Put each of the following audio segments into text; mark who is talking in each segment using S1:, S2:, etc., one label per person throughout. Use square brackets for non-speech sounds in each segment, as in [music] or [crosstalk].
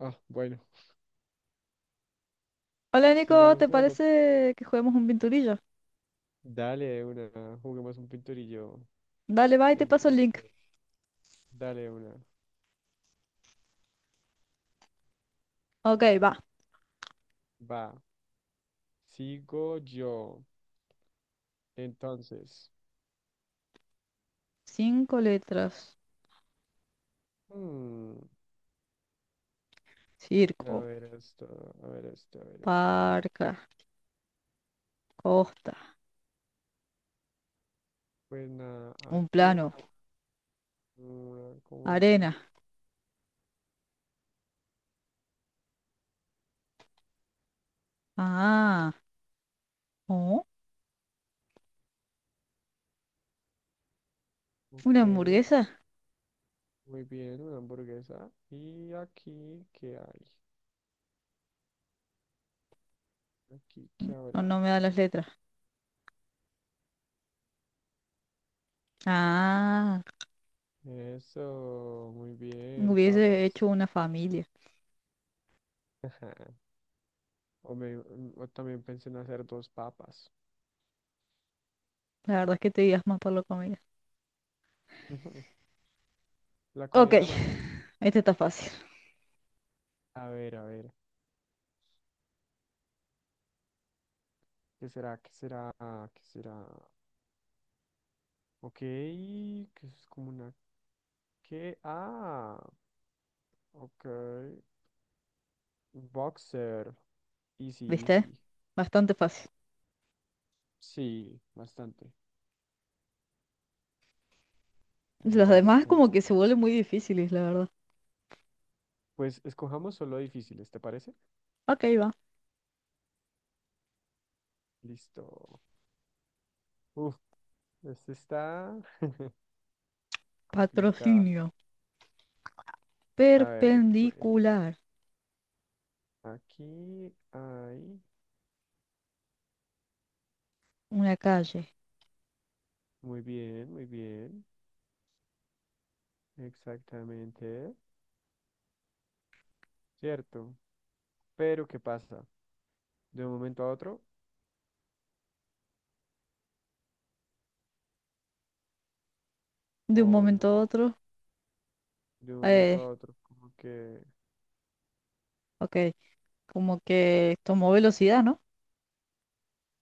S1: Ah, bueno,
S2: Hola Nico,
S1: sigamos
S2: ¿te
S1: jugando.
S2: parece que juguemos un pinturillo?
S1: Dale de una, juguemos un pinturillo.
S2: Dale, va y te paso el
S1: Entonces,
S2: link.
S1: dale de una.
S2: Ok, va.
S1: Va, sigo yo. Entonces,
S2: Cinco letras.
S1: hmm, a
S2: Circo,
S1: ver esto, a ver esto, a ver esto.
S2: parca, costa,
S1: Pues nada,
S2: un
S1: aquí,
S2: plano,
S1: una como,
S2: arena. Ah, ¿oh?
S1: ok,
S2: ¿Una hamburguesa?
S1: muy bien, una hamburguesa. Y aquí, ¿qué hay? Aquí, ¿qué
S2: No,
S1: habrá?
S2: no me da las letras. Ah,
S1: Eso, muy bien,
S2: hubiese hecho
S1: papas.
S2: una familia.
S1: [laughs] O también pensé en hacer dos papas.
S2: La verdad es que te digas más por la comida.
S1: [laughs] La
S2: Ok,
S1: comida era más fácil.
S2: [laughs] este está fácil,
S1: A ver, a ver. ¿Qué será? ¿Qué será? ¿Qué será? Ok, que es como una... ¿Qué? Ok. Boxer. Easy,
S2: ¿viste?
S1: easy. Sí,
S2: Bastante fácil.
S1: sí, bastante.
S2: Los demás como
S1: Bastante.
S2: que se vuelven muy difíciles, la verdad.
S1: Pues escojamos solo difíciles, ¿te parece?
S2: Ok, va.
S1: Listo. Uf, este está [laughs] complicado.
S2: Patrocinio.
S1: A ver, pues
S2: Perpendicular.
S1: aquí hay...
S2: Una calle.
S1: Muy bien, muy bien. Exactamente, cierto. Pero ¿qué pasa? De un momento a otro,
S2: De un
S1: o
S2: momento a
S1: no,
S2: otro,
S1: de un momento
S2: eh,
S1: a otro, como que
S2: ok, como que tomó velocidad, ¿no?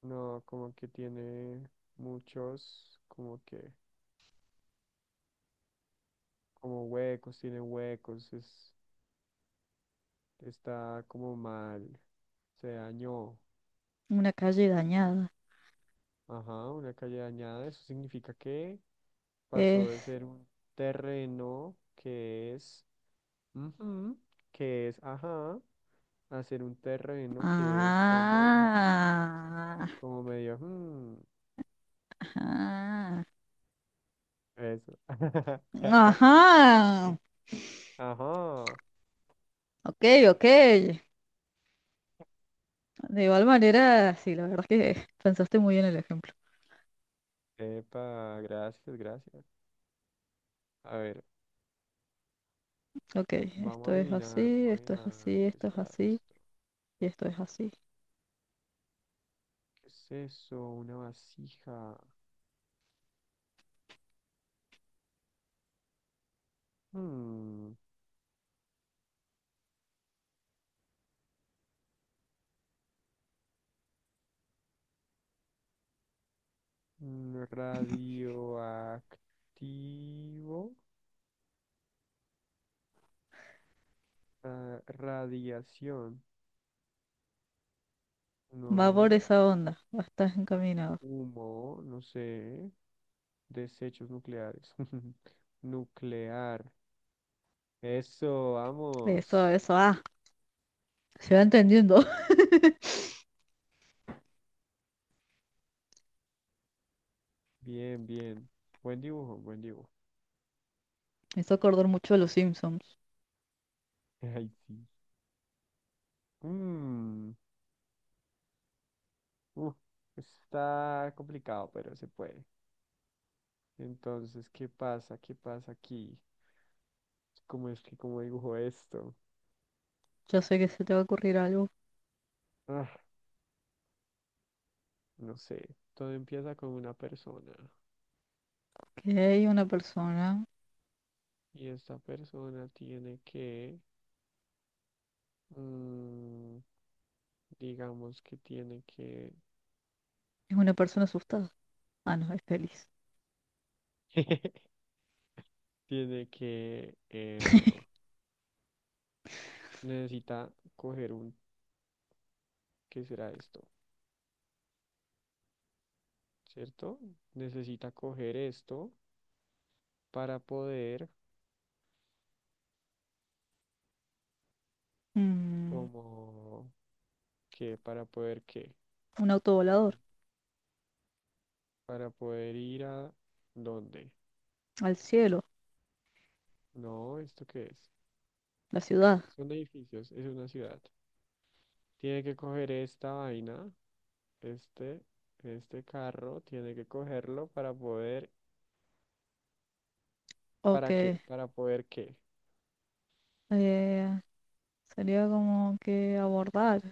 S1: no, como que tiene muchos, como que, como huecos, tiene huecos, es, está como mal, se dañó.
S2: Una calle dañada.
S1: Ajá, una calle dañada, eso significa que pasó de
S2: Es...
S1: ser un terreno que es, ujú, que es, ajá, a ser un terreno que es como.
S2: Ah,
S1: Como medio,
S2: ajá.
S1: eso. [laughs]
S2: Ajá.
S1: Ajá.
S2: Ok, ok. De igual manera, sí, la verdad es que pensaste muy bien el ejemplo.
S1: Epa, gracias, gracias. A ver,
S2: Ok,
S1: vamos
S2: esto
S1: a
S2: es
S1: adivinar,
S2: así,
S1: vamos a
S2: esto es
S1: adivinar.
S2: así,
S1: ¿Qué
S2: esto es
S1: será
S2: así
S1: esto?
S2: y esto es así.
S1: ¿Qué es eso? Una vasija. Hmm, radioactivo. Ah, radiación.
S2: Va por
S1: No.
S2: esa onda, va, estás encaminado.
S1: Humo, no sé. Desechos nucleares. [laughs] Nuclear. Eso,
S2: Eso,
S1: vamos.
S2: eso, ah, se va entendiendo.
S1: Bien, bien. Buen dibujo, buen dibujo.
S2: Me hizo acordar mucho de los Simpsons.
S1: [laughs] Ay, sí. Mm, uf, está complicado, pero se puede. Entonces, ¿qué pasa? ¿Qué pasa aquí? ¿Cómo es que cómo dibujo esto?
S2: Ya sé que se te va a ocurrir algo.
S1: Ah, no sé. Todo empieza con una persona.
S2: Que una persona.
S1: Y esta persona tiene que, mm, digamos que tiene que,
S2: Es una persona asustada. Ah, no, es feliz.
S1: [laughs] tiene que, necesita coger un, ¿qué será esto? ¿Cierto? Necesita coger esto para poder,
S2: Mm,
S1: como, qué. ¿Para poder qué?
S2: un auto volador.
S1: Para poder ir a dónde.
S2: Al cielo.
S1: No, ¿esto qué es?
S2: La ciudad.
S1: Son edificios, es una ciudad. Tiene que coger esta vaina, este, este carro, tiene que cogerlo para poder,
S2: Ok.
S1: ¿para qué? Para poder qué.
S2: eh, Sería como que abordar.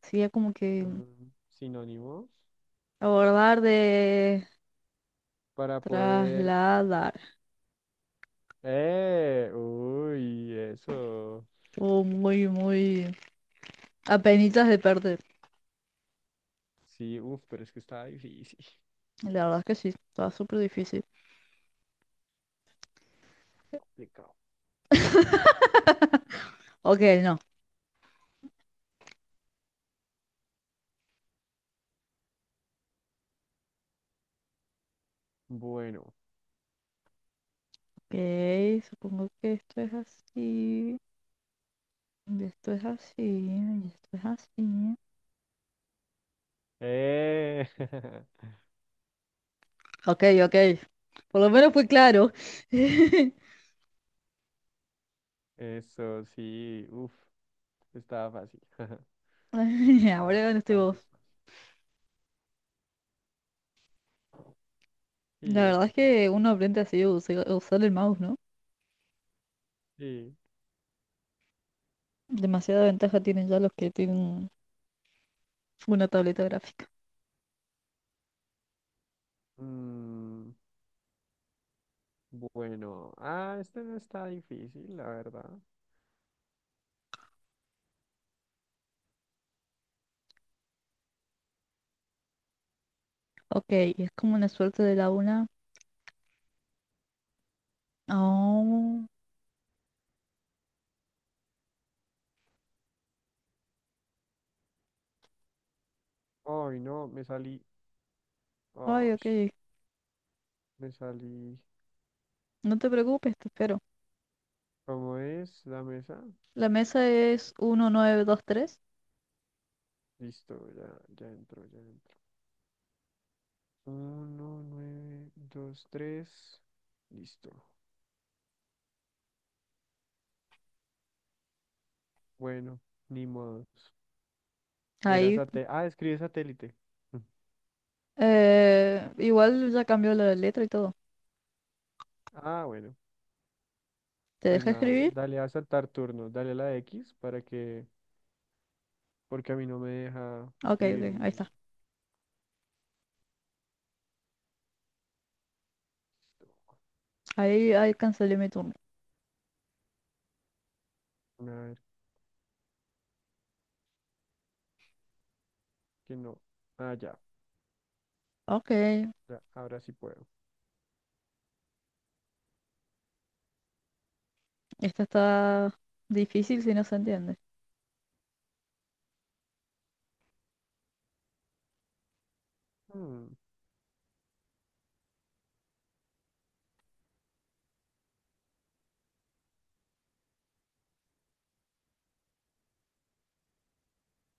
S2: Sería como que
S1: Mm, sinónimos.
S2: abordar de
S1: Para poder...
S2: trasladar.
S1: ¡Eh! ¡Uy! Eso.
S2: O muy, muy. Apenitas de perder.
S1: Sí, uff, pero es que estaba difícil.
S2: La verdad es que sí. Estaba súper difícil.
S1: [laughs] Complicado.
S2: Ok, no.
S1: Bueno.
S2: Ok, supongo que esto es así. Y esto es así, y esto es así.
S1: Eh, [laughs]
S2: Ok, ok. Por lo menos fue claro. [laughs]
S1: eso sí. Uf, estaba fácil. [laughs]
S2: [laughs]
S1: Estaba
S2: Ahora estoy vos.
S1: fácil, fácil.
S2: La
S1: Sí,
S2: verdad es
S1: estaba
S2: que
S1: fácil.
S2: uno aprende así a usa- a usar el mouse, ¿no?
S1: Sí.
S2: Demasiada ventaja tienen ya los que tienen una tableta gráfica.
S1: Mm, bueno. Ah, este no está difícil, la verdad.
S2: Ok, y es como una suerte de la una. Oh,
S1: Ay, no, me salí.
S2: ay,
S1: Oh,
S2: ok.
S1: me salí.
S2: No te preocupes, te espero.
S1: ¿Cómo es la mesa?
S2: La mesa es 1923.
S1: Listo, ya, ya entro, ya entro. 1, 9, 2, 3. Listo. Bueno, ni modos. Era
S2: Ahí.
S1: satélite. Ah, escribe satélite. [laughs]
S2: Igual ya cambió la letra y todo.
S1: Ah, bueno,
S2: ¿Te
S1: pues
S2: deja
S1: nada,
S2: escribir?
S1: dale a saltar turno, dale a la X para que, porque a mí no me deja
S2: Ok, ok,
S1: escribir ni
S2: ahí
S1: nada.
S2: está. Ahí cancelé mi turno.
S1: A ver, que no. Ah, ya,
S2: Ok,
S1: ya, ahora sí puedo.
S2: esta está difícil si no se entiende.
S1: Hmm,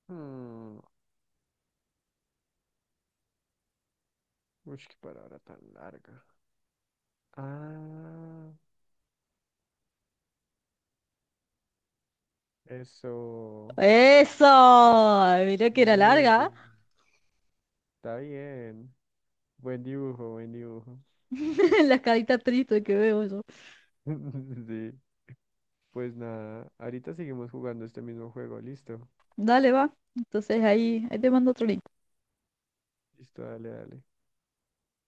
S1: hmm. Uy, qué palabra tan larga. Ah, eso.
S2: ¡Eso! Mirá que era
S1: Bien, bien,
S2: larga.
S1: está bien. Buen dibujo, buen dibujo.
S2: [laughs] La carita triste que veo yo.
S1: [laughs] Sí, pues nada, ahorita seguimos jugando este mismo juego, listo.
S2: Dale, va. Entonces ahí te mando otro link.
S1: Listo, dale, dale.